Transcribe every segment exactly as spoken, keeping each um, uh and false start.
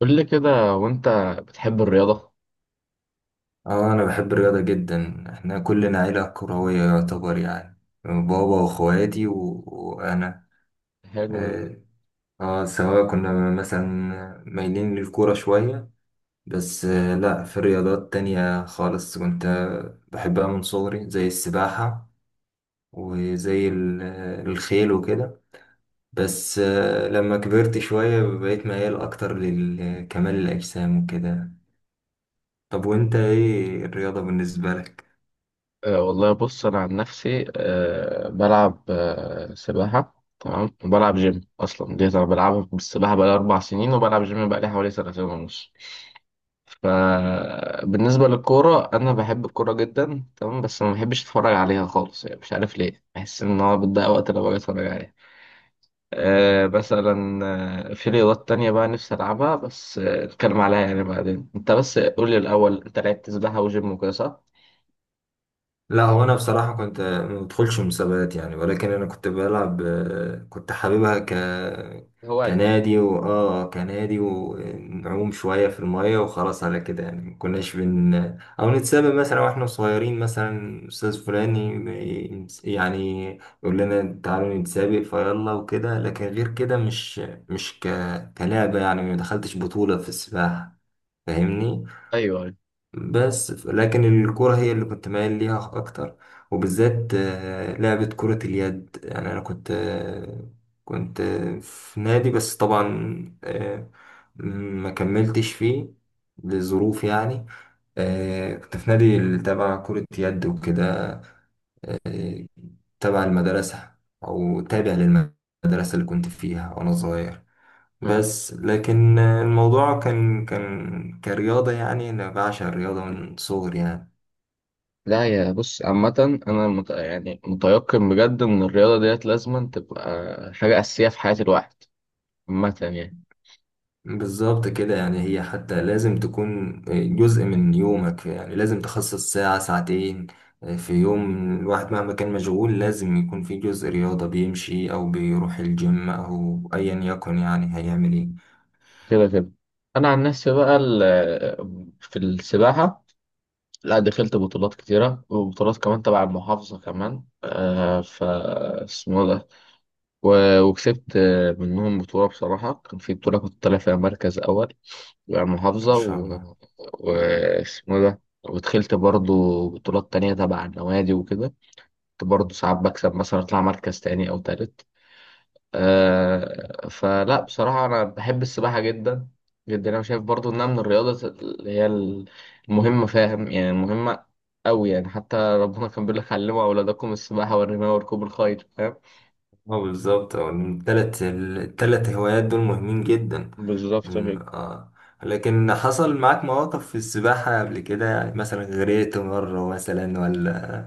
قول لي كده، وانت بتحب الرياضة؟ اه، انا بحب الرياضة جدا. احنا كلنا عيلة كروية يعتبر يعني. بابا واخواتي و... وانا. حلو ده. اه آه، سواء كنا مثلا مايلين للكورة شوية. بس آه لا، في رياضات تانية خالص كنت بحبها من صغري، زي السباحة وزي ال- الخيل وكده. بس آه لما كبرت شوية بقيت ميال اكتر لكمال الاجسام وكده. طب وانت ايه الرياضة بالنسبة لك؟ أه والله بص، انا عن نفسي أه بلعب أه سباحة، تمام. وبلعب جيم اصلا دي انا بلعبها، بالسباحة بقالي اربع سنين، وبلعب جيم بقالي حوالي سنتين ونص. فبالنسبة للكورة انا بحب الكورة جدا تمام، بس ما بحبش اتفرج عليها خالص، يعني مش عارف ليه، بحس ان هو بتضيع وقت لو باجي اتفرج عليها. آه مثلا، آه، في رياضات تانية بقى نفسي ألعبها، بس آه، نتكلم عليها يعني بعدين. أنت بس قول لي الأول، أنت لعبت سباحة وجيم وكده صح؟ لا هو انا بصراحه كنت ما بدخلش مسابقات يعني، ولكن انا كنت بلعب، آه، كنت حاببها ك هواية. كنادي واه كنادي، ونعوم شويه في الميه وخلاص على كده يعني. ما كناش بن او نتسابق. مثلا واحنا صغيرين مثلا استاذ فلاني م- يعني يقول لنا تعالوا نتسابق فيلا وكده، لكن غير كده مش مش ك... كلعبه يعني. ما دخلتش بطوله في السباحه. فاهمني؟ ايوه ايوه. بس ف- لكن الكرة هي اللي كنت مايل ليها أكتر، وبالذات آه، لعبة كرة اليد. يعني أنا كنت آه، كنت آه، في نادي، بس طبعا آه، ما كملتش فيه لظروف يعني. آه، كنت في نادي اللي تبع كرة يد وكده، آه، تبع المدرسة، أو تابع للمدرسة اللي كنت فيها وأنا صغير. مم. بس لكن آه، الموضوع كان كان كرياضة. يعني أنا بعشق الرياضة من صغري يعني. لا يا بص، عامة أنا مت... يعني متيقن بجد إن الرياضة ديت لازما تبقى حاجة أساسية في حياة الواحد، عامة يعني. بالظبط كده. يعني هي حتى لازم تكون جزء من يومك. يعني لازم تخصص ساعة ساعتين آه، في يوم الواحد، مهما كان مشغول لازم يكون في جزء رياضة، بيمشي أو بيروح الجيم أو أيا يكن، يعني هيعمل إيه. كده كده. أنا عن نفسي بقى ال... في السباحة لا دخلت بطولات كتيرة، وبطولات كمان تبع المحافظة كمان، آه ف اسمه ده، و- وكسبت آه، منهم بطولة. بصراحة كان في بطولة كنت طالع فيها مركز أول، يعني إن محافظة شاء و... الله. واسمه إيه ده. ودخلت برضو بطولات تانية تبع النوادي وكده، كنت برضو ساعات بكسب مثلا أطلع مركز تاني أو تالت. آه فلا بصراحة أنا بحب السباحة جدا جدا، أنا شايف برضو إنها من الرياضة اللي هي المهمة، فاهم يعني؟ المهمة أوي يعني، حتى ربنا كان بيقول لك علموا أولادكم السباحة والرماية وركوب الخيل، فاهم؟ اه، بالظبط. اه، التلات التلات هوايات دول مهمين جدا. بالظبط إن- كده. اه لكن حصل معاك مواقف في السباحة قبل كده؟ يعني مثلا غرقت مرة مثلا ولا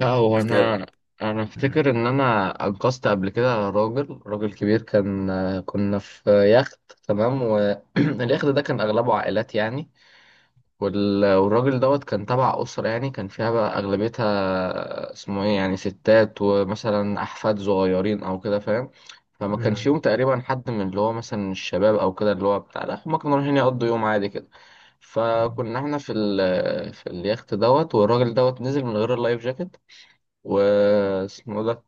لا هو الكاب؟ انا انا افتكر مم. ان انا انقذت قبل كده راجل، راجل كبير كان. كنا في يخت، تمام. واليخت ده كان اغلبه عائلات يعني، وال- والراجل دوت كان تبع اسره يعني، كان فيها بقى اغلبيتها، اسمه ايه، يعني ستات ومثلا احفاد صغيرين او كده، فاهم؟ فما كانش يوم تقريبا حد من اللي هو مثلا الشباب او كده، اللي هو بتاع، لا هما كانوا رايحين يقضوا يوم عادي كده. مم. فكنا احنا في ال في اليخت دوت، والراجل دوت نزل من غير اللايف جاكيت واسمه ده،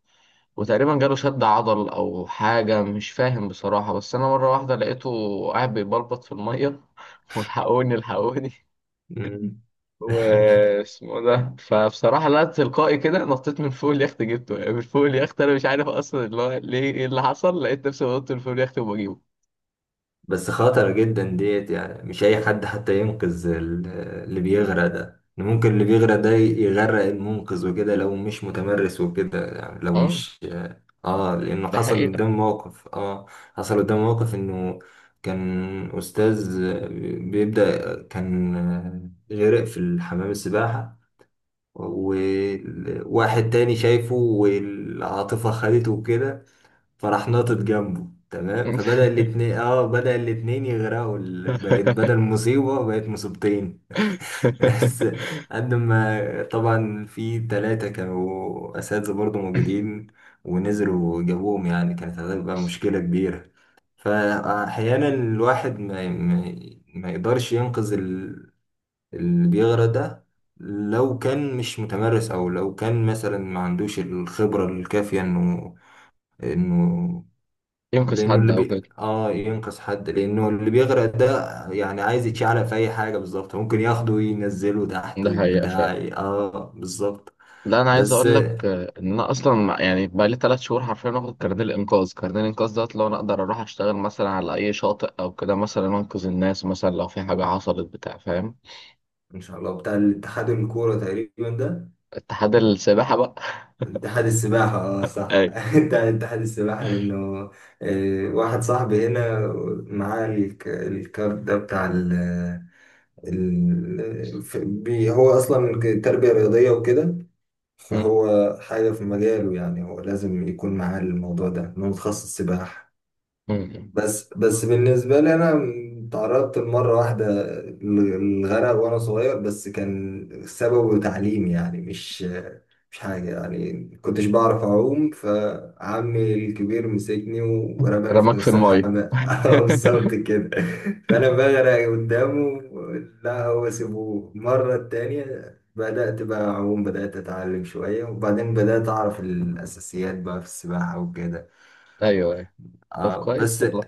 وتقريبا جاله شد عضل او حاجه، مش فاهم بصراحه. بس انا مره واحده لقيته قاعد بيبلبط في الميه والحقوني الحقوني مم. واسمه ده. فبصراحه لا، تلقائي كده نطيت من فوق اليخت جبته، يعني من فوق اليخت انا مش عارف اصلا اللي هو ليه، ايه اللي حصل، لقيت نفسي بنط من فوق اليخت وبجيبه. بس خطر جدا ديت. يعني مش اي حد حتى ينقذ ال- اللي بيغرق ده. إن ممكن اللي بيغرق ده يغرق المنقذ وكده لو مش متمرس وكده. يعني لو اه، مش اه لانه ده حصل حقيقة. قدام موقف. اه، حصل قدام موقف انه كان استاذ بيبدأ كان غرق في الحمام السباحة، وواحد تاني شايفه والعاطفة خدته وكده، فراح ناطط جنبه تمام. فبدأ الاتنين اه بدأ الاتنين يغرقوا. ال- بقت بدل مصيبة بقت مصيبتين. بس قد ما طبعا في تلاتة كانوا أساتذة برضو موجودين، ونزلوا وجابوهم، يعني كانت هتبقى مشكلة كبيرة. فأحيانا الواحد ما, ما, ما يقدرش ينقذ ال- اللي بيغرق ده لو كان مش متمرس، أو لو كان مثلا ما عندوش الخبرة الكافية إنه انه ينقذ لانه حد اللي او بي... كده. اه ينقذ حد. لانه اللي بيغرق ده يعني عايز يتشعلق في اي حاجه، بالظبط ممكن ياخده وينزله تحت ده حقيقة وبتاع، فعلا. اه بالظبط. لا انا عايز بس اقول لك آه، ان انا اصلا مع- يعني بقى لي ثلاث شهور حرفيا واخد كارنيه الانقاذ، كارنيه الانقاذ دوت لو انا اقدر اروح اشتغل مثلا على اي شاطئ او كده، مثلا انقذ الناس مثلا لو في حاجه حصلت بتاع، فاهم؟ ان شاء الله بتاع الاتحاد الكوره تقريبا ده. اتحاد السباحه بقى. اتحاد السباحه، اه، صح. ايوه. بتاع اتحاد السباحه لانه آه، واحد صاحبي هنا معاه الك- الكارت ده بتاع ال ال- ف- بي- هو اصلا تربيه رياضيه وكده. مم. فهو حاجة في مجاله. يعني هو لازم يكون معاه الموضوع ده، إنه متخصص سباحة. مم. بس بس بالنسبة لي أنا، تعرضت لمرة واحدة للغرق وأنا صغير، بس كان سببه تعليم يعني، مش مش حاجة. يعني كنتش بعرف أعوم، فعمي الكبير مسكني ورماني في رماك في نص الميه. الحمام. بالظبط كده. فأنا بغرق قدامه. لا هو سيبوه المرة التانية. بدأت بقى أعوم، بدأت أتعلم شوية، وبعدين بدأت أعرف الأساسيات بقى في السباحة وكده. ايوه ايوه. طب آه كويس بس والله.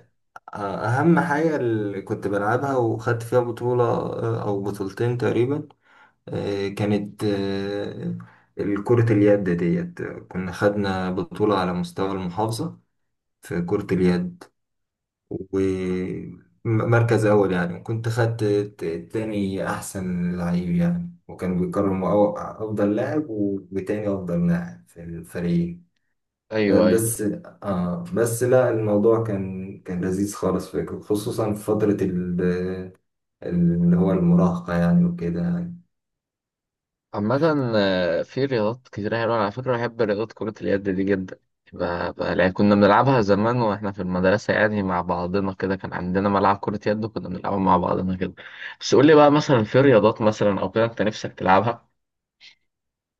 آه أهم حاجة اللي كنت بلعبها وخدت فيها بطولة آه، أو بطولتين تقريبا، آه كانت آه كرة اليد ديت. كنا خدنا بطولة على مستوى المحافظة في كرة اليد ومركز أول يعني. وكنت خدت ت- تاني أحسن لعيب يعني. وكانوا بيكرموا أو- أفضل لاعب وتاني أفضل لاعب في الفريق. آه، ايوه ايوه. بس آه بس لا الموضوع كان كان لذيذ خالص فكرة، خصوصا في فترة ال- اللي هو المراهقة يعني وكده يعني. عامة آه، في رياضات كتير حلوة على فكرة. بحب رياضة كرة اليد دي جدا. ب- ب- يعني كنا بنلعبها زمان واحنا في المدرسة يعني، مع بعضنا كده كان عندنا ملعب كرة يد وكنا بنلعبها مع بعضنا كده. بس قول لي بقى مثلا في رياضات مثلا أو كده أنت نفسك تلعبها؟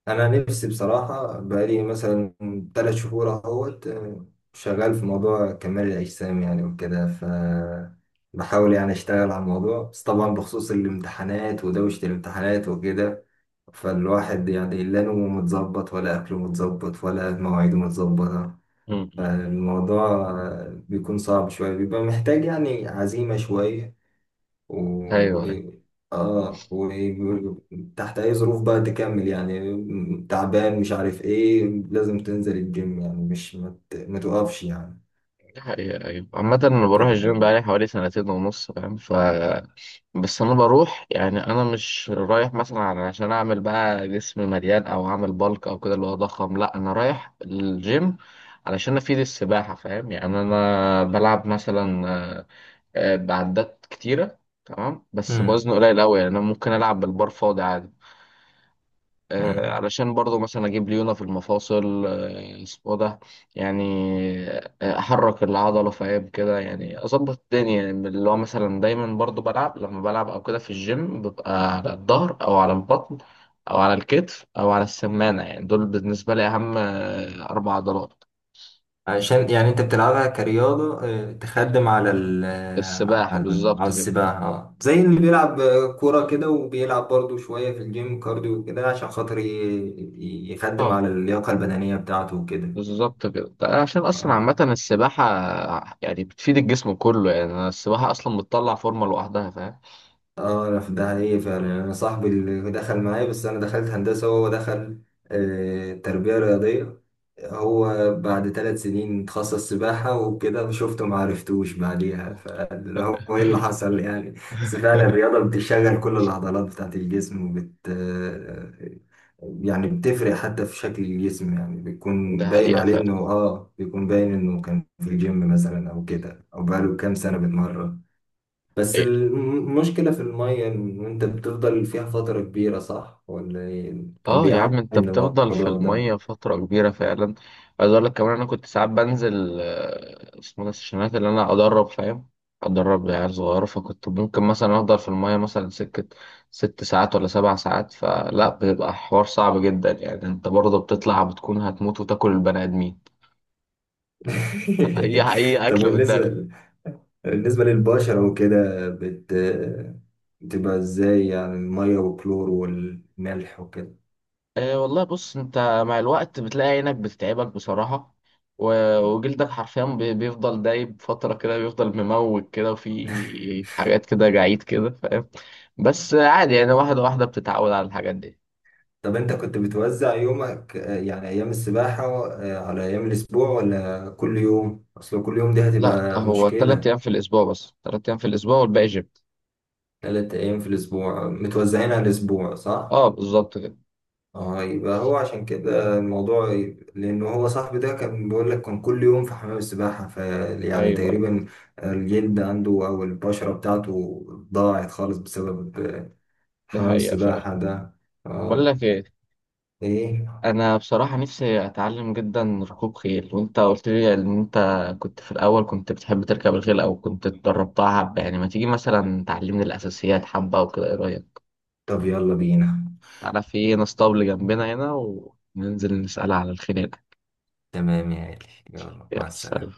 أنا نفسي بصراحة بقالي مثلا تلات شهور أهوت، آه، شغال في موضوع كمال الأجسام يعني وكده. ف بحاول يعني أشتغل على الموضوع، بس طبعا بخصوص الامتحانات ودوشة الامتحانات وكده، فالواحد يعني لا نومه متظبط ولا أكله متظبط ولا مواعيده متظبطة. مم. الموضوع بيكون صعب شوية، بيبقى محتاج يعني عزيمة شوية. و أيوه أيوه. اه وتحت أي ظروف بقى تكمل، يعني تعبان مش عارف ايه، لازم تنزل الجيم. يعني مش ما ت- ما تقفش يعني. دي حقيقة أيوه. عامة أنا آه، بروح طب. الجيم بقالي حوالي سنتين ونص، فاهم؟ بس انا بروح، يعني انا مش رايح مثلا عشان اعمل بقى جسم مليان او اعمل بالك او كده اللي هو ضخم، لا انا رايح الجيم علشان افيد السباحه، فاهم يعني؟ انا بلعب مثلا آه، آه، بعدات كتيره، تمام. بس بوزن مم. قليل قوي، يعني انا ممكن العب بالبار فاضي عادي، آه، مم. علشان برضو مثلا اجيب ليونه في المفاصل، آه، اسمه ده، يعني آه، احرك العضله، فاهم كده يعني؟ اظبط الدنيا، يعني اللي هو مثلا دايما برضو بلعب، لما بلعب او كده في الجيم ببقى على الظهر او على البطن او على الكتف او على السمانه، يعني دول بالنسبه لي اهم آه، اربع عضلات. عشان يعني انت بتلعبها كرياضة، اه، تخدم على ال آه، السباحه، على على بالظبط كده. السباحة، اه. زي اللي بيلعب اه، كورة كده، وبيلعب برضو شوية في الجيم كارديو كده عشان خاطر ي- ي- يخدم اه، على اللياقة البدنية بتاعته وكده. بالظبط كده. ده عشان اصلا عامه اه. السباحه يعني بتفيد الجسم كله، يعني السباحه اصلا بتطلع فورمه لوحدها، فاهم؟ اه، انا في ده حقيقي فعلا. يعني انا صاحبي اللي دخل معايا، بس انا دخلت هندسه وهو دخل آه، تربيه رياضيه. هو بعد ثلاث سنين اتخصص سباحه وكده، شفته ما عرفتوش بعديها. فاللي هو ايه اللي حصل يعني. بس فعلا الرياضه بتشغل كل العضلات بتاعت الجسم وبت آه، يعني بتفرق حتى في شكل الجسم. يعني بيكون ده باين حقيقة عليه فعلا. انه، اه بيكون باين انه كان في الجيم مثلا او كده، او بقاله كام سنه بيتمرن. بس حقيقة. المشكلة في المية إن أنت بتفضل فيها فترة كبيرة، صح؟ ولا إيه؟ كان اه يا عم، بيعاني انت من بتفضل في الموضوع ده. المية فترة كبيرة فعلا. عايز اقول لك كمان، انا كنت ساعات بنزل آه، اسمه ده السيشنات اللي انا ادرب، فاهم؟ ادرب عيال صغيرة، فكنت ممكن مثلا افضل في المية مثلا سكة ست ساعات ولا سبع ساعات، فلا بيبقى حوار صعب جدا يعني، انت برضه بتطلع بتكون هتموت وتاكل البني ادمين. اي اي طب اكل. بالنسبة بالنسبة للبشرة وكده بت... بتبقى إزاي، يعني المية والكلور والملح وكده؟ أه والله بص، انت مع الوقت بتلاقي عينك بتتعبك بصراحة، و- وجلدك حرفيا بي- بيفضل دايب فترة كده، بيفضل مموج كده وفي حاجات كده جعيد كده، فاهم؟ بس عادي يعني، واحدة واحدة بتتعود على الحاجات دي. طب أنت كنت بتوزع يومك آه، يعني أيام السباحة آه، على أيام الأسبوع ولا كل يوم؟ أصل كل يوم دي لا هتبقى هو تلات مشكلة. أيام في الأسبوع بس، تلات أيام في الأسبوع والباقي جيم. تلات أيام في الأسبوع متوزعين على الأسبوع، صح؟ اه بالظبط كده. اه يبقى هو عشان كده الموضوع ي- لان هو صاحبي ده كان بيقول لك كان كل يوم في حمام السباحة. ف يعني أيوه تقريبا الجلد عنده او البشرة بتاعته ضاعت خالص بسبب دي حمام حقيقة فعلا. السباحة ده. بقول اه. لك ايه، ايه؟ انا بصراحه نفسي اتعلم جدا ركوب خيل. وانت قلت لي ان انت كنت في الاول كنت بتحب تركب الخيل او كنت اتدربتها حبه، يعني ما تيجي مثلا تعلمني الاساسيات حبه وكده، ايه رايك؟ طب يلا بينا. تعالى في ناس طبل جنبنا هنا، وننزل نسال على الخيل هناك. تمام يا غالي، يلا مع يلا سلام. السلامة.